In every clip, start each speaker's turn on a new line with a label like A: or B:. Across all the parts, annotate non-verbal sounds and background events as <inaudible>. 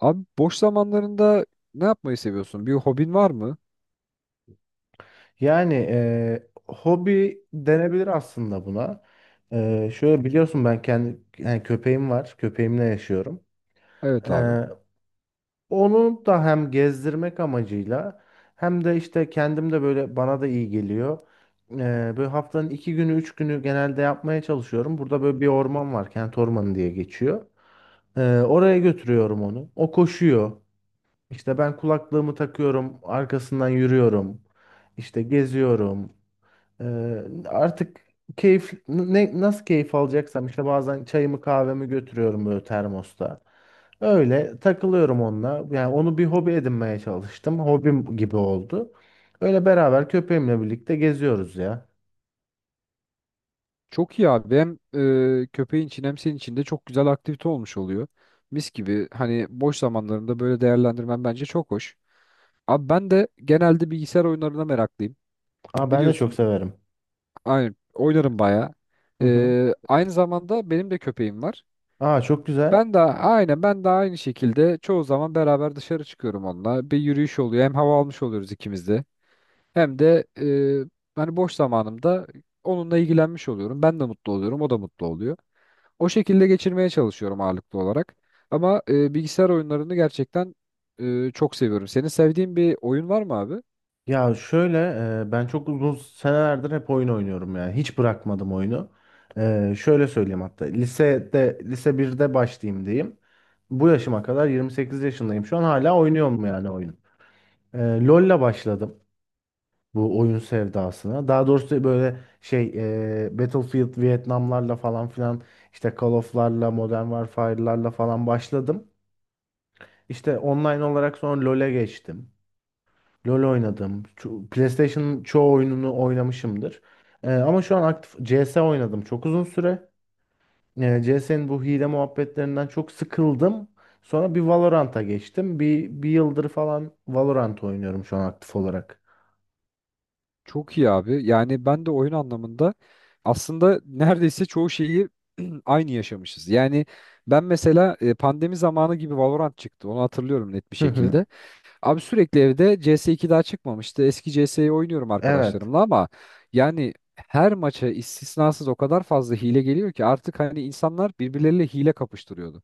A: Abi boş zamanlarında ne yapmayı seviyorsun? Bir hobin var mı?
B: Yani hobi denebilir aslında buna. Şöyle biliyorsun ben kendi yani köpeğim var. Köpeğimle yaşıyorum.
A: Evet abi.
B: Eee, onu da hem gezdirmek amacıyla hem de işte kendim de böyle bana da iyi geliyor. Eee, böyle haftanın iki günü üç günü genelde yapmaya çalışıyorum. Burada böyle bir orman var. Kent ormanı diye geçiyor. Oraya götürüyorum onu. O koşuyor. İşte ben kulaklığımı takıyorum. Arkasından yürüyorum. İşte geziyorum. Ee, artık nasıl keyif alacaksam işte bazen çayımı kahvemi götürüyorum böyle termosta. Öyle takılıyorum onunla. Yani onu bir hobi edinmeye çalıştım. Hobim gibi oldu. Öyle beraber köpeğimle birlikte geziyoruz ya.
A: Çok iyi abi. Hem köpeğin için hem senin için de çok güzel aktivite olmuş oluyor. Mis gibi hani boş zamanlarında böyle değerlendirmen bence çok hoş. Abi ben de genelde bilgisayar oyunlarına meraklıyım.
B: Aa, ben de çok
A: Biliyorsun
B: severim.
A: aynı oynarım bayağı.
B: Hı hı.
A: Aynı zamanda benim de köpeğim var.
B: Aa, çok güzel.
A: Ben de aynen, ben de aynı şekilde çoğu zaman beraber dışarı çıkıyorum onunla. Bir yürüyüş oluyor. Hem hava almış oluyoruz ikimiz de. Hem de hani boş zamanımda onunla ilgilenmiş oluyorum. Ben de mutlu oluyorum, o da mutlu oluyor. O şekilde geçirmeye çalışıyorum ağırlıklı olarak. Ama bilgisayar oyunlarını gerçekten çok seviyorum. Senin sevdiğin bir oyun var mı abi?
B: Ya şöyle, ben çok uzun senelerdir hep oyun oynuyorum yani hiç bırakmadım oyunu. Şöyle söyleyeyim, hatta lisede lise birde başlayayım diyeyim. Bu yaşıma kadar 28 yaşındayım şu an hala oynuyorum yani oyun. E, LoL'la başladım bu oyun sevdasına. Daha doğrusu böyle şey, Battlefield Vietnamlarla falan filan, işte Call of'larla Modern Warfare'larla falan başladım. İşte online olarak sonra LoL'e geçtim. LoL oynadım. PlayStation'ın çoğu oyununu oynamışımdır. Ama şu an aktif CS oynadım çok uzun süre. CS'nin bu hile muhabbetlerinden çok sıkıldım. Sonra bir Valorant'a geçtim. Bir yıldır falan Valorant oynuyorum şu an aktif olarak.
A: Çok iyi abi. Yani ben de oyun anlamında aslında neredeyse çoğu şeyi <clears throat> aynı yaşamışız. Yani ben mesela pandemi zamanı gibi Valorant çıktı. Onu hatırlıyorum net bir
B: Hı hı.
A: şekilde. Abi sürekli evde CS2 daha çıkmamıştı. Eski CS'yi oynuyorum
B: Evet.
A: arkadaşlarımla ama yani her maça istisnasız o kadar fazla hile geliyor ki artık hani insanlar birbirleriyle hile kapıştırıyordu.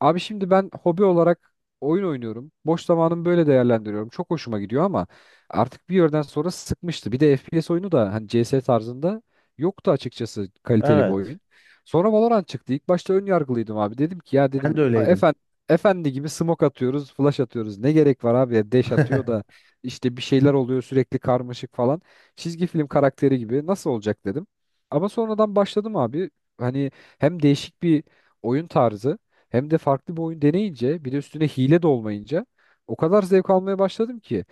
A: Abi şimdi ben hobi olarak oyun oynuyorum. Boş zamanımı böyle değerlendiriyorum. Çok hoşuma gidiyor ama artık bir yerden sonra sıkmıştı. Bir de FPS oyunu da hani CS tarzında yoktu açıkçası kaliteli bir
B: Evet.
A: oyun. Sonra Valorant çıktı. İlk başta ön yargılıydım abi. Dedim ki ya
B: Ben de
A: dedim
B: öyleydim.
A: efendi gibi smoke atıyoruz, flash atıyoruz. Ne gerek var abi? Ya, dash atıyor da
B: <laughs>
A: işte bir şeyler oluyor sürekli karmaşık falan. Çizgi film karakteri gibi nasıl olacak dedim. Ama sonradan başladım abi. Hani hem değişik bir oyun tarzı hem de farklı bir oyun deneyince bir de üstüne hile de olmayınca o kadar zevk almaya başladım ki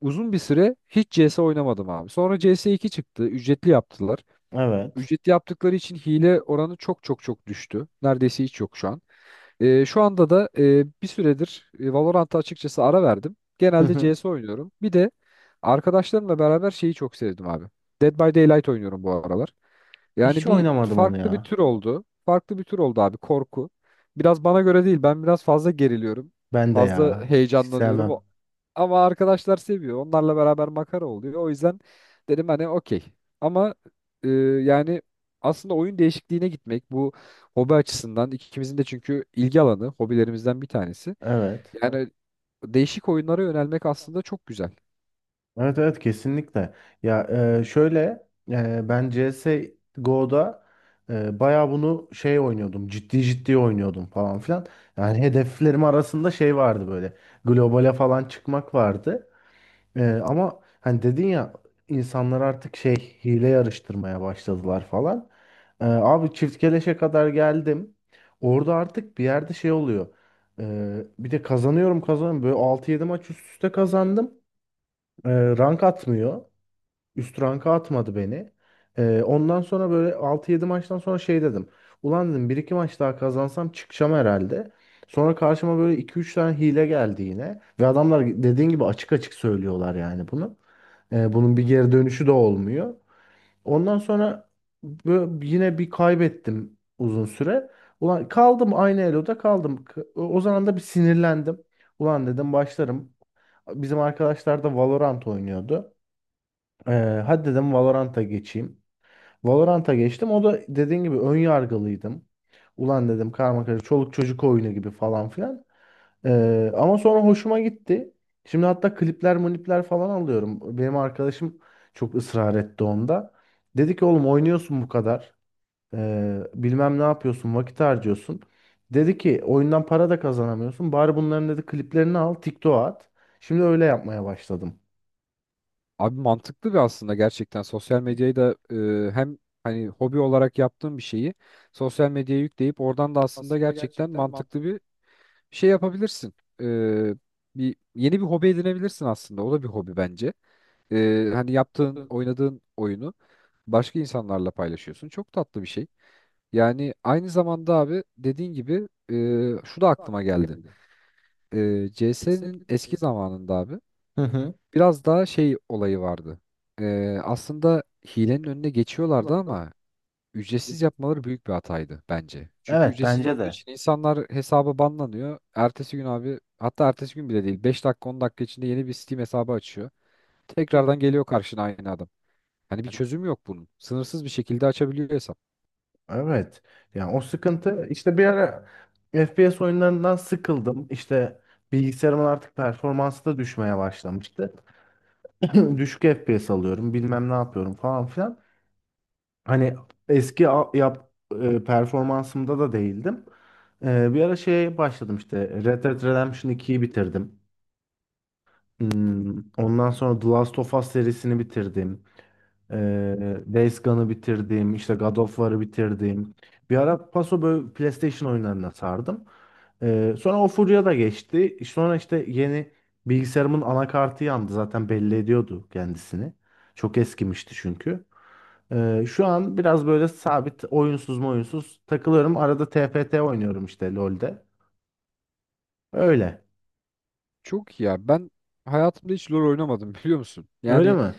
A: uzun bir süre hiç CS oynamadım abi. Sonra CS2 çıktı, ücretli yaptılar.
B: Evet.
A: Ücret yaptıkları için hile oranı çok çok çok düştü. Neredeyse hiç yok şu an. Şu anda da bir süredir Valorant'a açıkçası ara verdim.
B: Hı
A: Genelde
B: hı.
A: CS oynuyorum. Bir de arkadaşlarımla beraber şeyi çok sevdim abi. Dead by Daylight oynuyorum bu aralar. Yani
B: Hiç
A: bir
B: oynamadım onu
A: farklı bir
B: ya.
A: tür oldu. Farklı bir tür oldu abi korku. Biraz bana göre değil. Ben biraz fazla geriliyorum.
B: Ben de
A: Fazla
B: ya. Hiç
A: heyecanlanıyorum. O.
B: sevmem.
A: Ama arkadaşlar seviyor. Onlarla beraber makara oluyor. O yüzden dedim hani okey. Ama e, yani aslında oyun değişikliğine gitmek bu hobi açısından ikimizin de çünkü ilgi alanı hobilerimizden bir tanesi.
B: Evet.
A: Yani değişik oyunlara yönelmek aslında çok güzel.
B: Evet, evet, kesinlikle. Ya, şöyle, ben CSGO'da, bayağı bunu şey oynuyordum. Ciddi ciddi oynuyordum falan filan. Yani hedeflerim arasında şey vardı böyle. Globale falan çıkmak vardı. Ama hani dedin ya, insanlar artık şey, hile yarıştırmaya başladılar falan. Abi çift keleşe kadar geldim. Orada artık bir yerde şey oluyor. Bir de kazanıyorum kazanıyorum. Böyle altı yedi maç üst üste kazandım. E, rank atmıyor. Üst ranka atmadı beni. Ondan sonra böyle altı yedi maçtan sonra şey dedim. Ulan dedim bir iki maç daha kazansam çıkacağım herhalde. Sonra karşıma böyle iki üç tane hile geldi yine. Ve adamlar dediğin gibi açık açık söylüyorlar yani bunu. Bunun bir geri dönüşü de olmuyor. Ondan sonra yine bir kaybettim uzun süre. Ulan kaldım, aynı eloda kaldım. O zaman da bir sinirlendim. Ulan dedim başlarım. Bizim arkadaşlar da Valorant oynuyordu. Ee, hadi dedim Valorant'a geçeyim. Valorant'a geçtim. O da dediğin gibi ön yargılıydım. Ulan dedim karma karışık çoluk çocuk oyunu gibi falan filan. Ama sonra hoşuma gitti. Şimdi hatta klipler monipler falan alıyorum. Benim arkadaşım çok ısrar etti onda. Dedi ki oğlum oynuyorsun bu kadar. Bilmem ne yapıyorsun, vakit harcıyorsun. Dedi ki oyundan para da kazanamıyorsun. Bari bunların dedi kliplerini al TikTok'a at. Şimdi öyle yapmaya başladım.
A: Abi mantıklı bir aslında gerçekten sosyal medyayı da hem hani hobi olarak yaptığın bir şeyi sosyal medyaya yükleyip oradan da aslında gerçekten mantıklı bir şey yapabilirsin. E, bir yeni bir hobi edinebilirsin aslında. O da bir hobi bence. Hani yaptığın, oynadığın oyunu başka insanlarla paylaşıyorsun. Çok tatlı bir şey. Yani aynı zamanda abi dediğin gibi şu da aklıma geldi. CS'nin eski zamanında abi
B: Hı hı.
A: biraz daha şey olayı vardı. Aslında hilenin önüne geçiyorlardı ama ücretsiz yapmaları büyük bir hataydı bence. Çünkü
B: Evet,
A: ücretsiz
B: bence
A: olduğu
B: de.
A: için insanlar hesaba banlanıyor. Ertesi gün abi hatta ertesi gün bile değil 5 dakika 10 dakika içinde yeni bir Steam hesabı açıyor. Tekrardan geliyor karşına aynı adam. Hani bir çözüm yok bunun. Sınırsız bir şekilde açabiliyor hesap.
B: Evet. Yani o sıkıntı, işte bir ara FPS oyunlarından sıkıldım. İşte bilgisayarımın artık performansı da düşmeye başlamıştı. <clears throat> Düşük FPS alıyorum, bilmem ne yapıyorum falan filan. Hani eski a- yap e, performansımda da değildim. Bir ara şeye başladım, işte Red Dead Redemption 2'yi bitirdim. Ondan sonra The Last of Us serisini bitirdim. Days Gone'ı bitirdim. İşte God of War'ı bitirdim. Bir ara paso böyle PlayStation oyunlarına sardım. Sonra o furya da geçti. Sonra işte yeni bilgisayarımın anakartı yandı. Zaten belli ediyordu kendisini. Çok eskimişti çünkü. Şu an biraz böyle sabit oyunsuz mu oyunsuz takılıyorum. Arada TFT oynuyorum işte LoL'de. Öyle.
A: Çok iyi ya. Ben hayatımda hiç LoL oynamadım <laughs> biliyor musun?
B: Öyle
A: Yani
B: mi?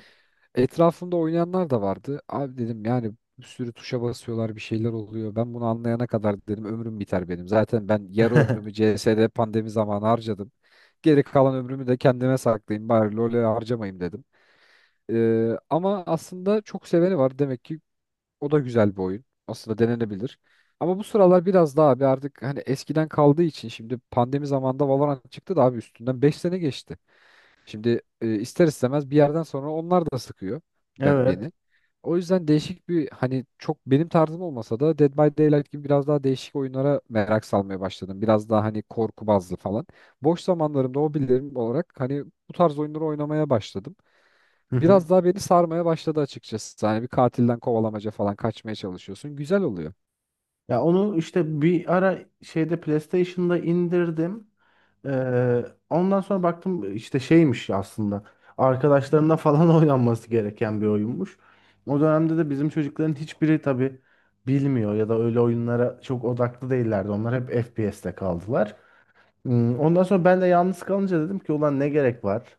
A: etrafımda oynayanlar da vardı. Abi dedim yani bir sürü tuşa basıyorlar bir şeyler oluyor. Ben bunu anlayana kadar dedim ömrüm biter benim. Zaten ben yarı ömrümü
B: <laughs>
A: CS'de pandemi zamanı harcadım. Geri kalan ömrümü de kendime saklayayım bari LoL'e harcamayayım dedim. Ama aslında çok seveni var. Demek ki o da güzel bir oyun. Aslında denenebilir. Ama bu sıralar biraz daha abi artık hani eskiden kaldığı için şimdi pandemi zamanında Valorant çıktı da abi üstünden 5 sene geçti. Şimdi ister istemez bir yerden sonra onlar da sıkıyor
B: Evet.
A: beni. O yüzden değişik bir hani çok benim tarzım olmasa da Dead by Daylight gibi biraz daha değişik oyunlara merak salmaya başladım. Biraz daha hani korku bazlı falan. Boş zamanlarımda hobilerim olarak hani bu tarz oyunları oynamaya başladım. Biraz
B: <laughs>
A: daha beni sarmaya başladı açıkçası. Hani bir katilden kovalamaca falan kaçmaya çalışıyorsun. Güzel oluyor.
B: Ya onu işte bir ara şeyde PlayStation'da indirdim. Ondan sonra baktım işte şeymiş aslında. Arkadaşlarına falan <laughs> oynanması gereken bir oyunmuş. O dönemde de bizim çocukların hiçbiri tabii bilmiyor ya da öyle oyunlara çok odaklı değillerdi. Onlar hep FPS'te kaldılar. Ondan sonra ben de yalnız kalınca dedim ki ulan ne gerek var?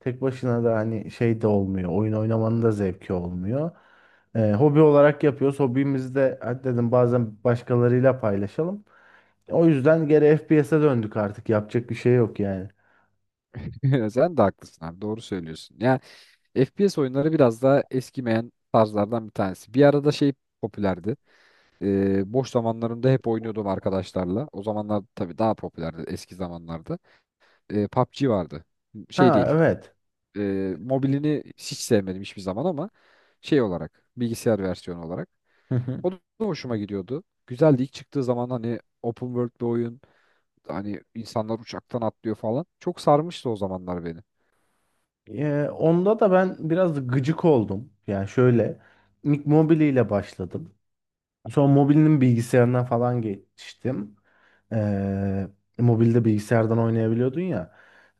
B: Tek başına da hani şey de olmuyor. Oyun oynamanın da zevki olmuyor. Hobi olarak yapıyoruz. Hobimizi de hadi dedim bazen başkalarıyla paylaşalım. O yüzden geri FPS'e döndük artık. Yapacak bir şey yok yani.
A: <laughs> Sen de haklısın abi. Doğru söylüyorsun. Yani FPS oyunları biraz daha eskimeyen tarzlardan bir tanesi. Bir arada şey popülerdi. Boş zamanlarımda hep oynuyordum arkadaşlarla. O zamanlar tabii daha popülerdi eski zamanlarda. PUBG vardı. Şey
B: Ha,
A: değil.
B: evet.
A: Mobilini hiç sevmedim hiçbir zaman ama şey olarak bilgisayar versiyonu olarak. O
B: <laughs>
A: da hoşuma gidiyordu. Güzeldi. İlk çıktığı zaman hani open world bir oyun. Hani insanlar uçaktan atlıyor falan. Çok sarmıştı o zamanlar beni.
B: Onda da ben biraz gıcık oldum. Yani şöyle, ilk Mobile ile başladım. Sonra Mobile'nin bilgisayarına falan geçtim. Ee, mobilde bilgisayardan oynayabiliyordun ya.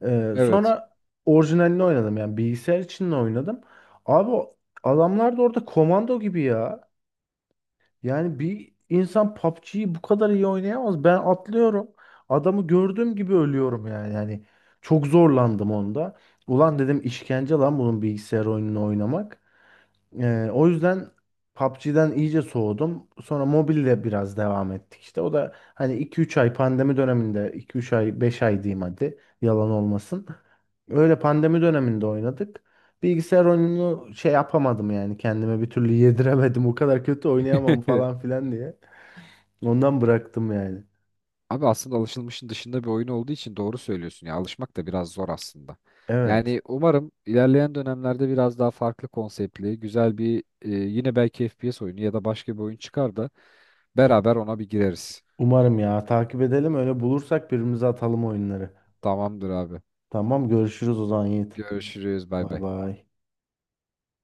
B: Ee,
A: Evet.
B: sonra orijinalini oynadım yani bilgisayar için de oynadım. Abi o adamlar da orada komando gibi ya. Yani bir insan PUBG'yi bu kadar iyi oynayamaz. Ben atlıyorum. Adamı gördüğüm gibi ölüyorum yani. Yani çok zorlandım onda. Ulan dedim işkence lan bunun bilgisayar oyununu oynamak. O yüzden PUBG'den iyice soğudum. Sonra mobille biraz devam ettik işte. O da hani iki üç ay pandemi döneminde, iki üç ay, 5 ay diyeyim hadi yalan olmasın. Öyle pandemi döneminde oynadık. Bilgisayar oyununu şey yapamadım yani kendime bir türlü yediremedim. <laughs> O kadar kötü oynayamam
A: <laughs>
B: falan filan diye. Ondan bıraktım yani.
A: Abi aslında alışılmışın dışında bir oyun olduğu için doğru söylüyorsun ya. Alışmak da biraz zor aslında.
B: Evet.
A: Yani umarım ilerleyen dönemlerde biraz daha farklı konseptli, güzel bir yine belki FPS oyunu ya da başka bir oyun çıkar da beraber ona bir gireriz.
B: Umarım ya, takip edelim, öyle bulursak birbirimize atalım oyunları.
A: Tamamdır abi.
B: Tamam, görüşürüz o zaman Yiğit.
A: Görüşürüz. Bay
B: Bay
A: bay.
B: bay.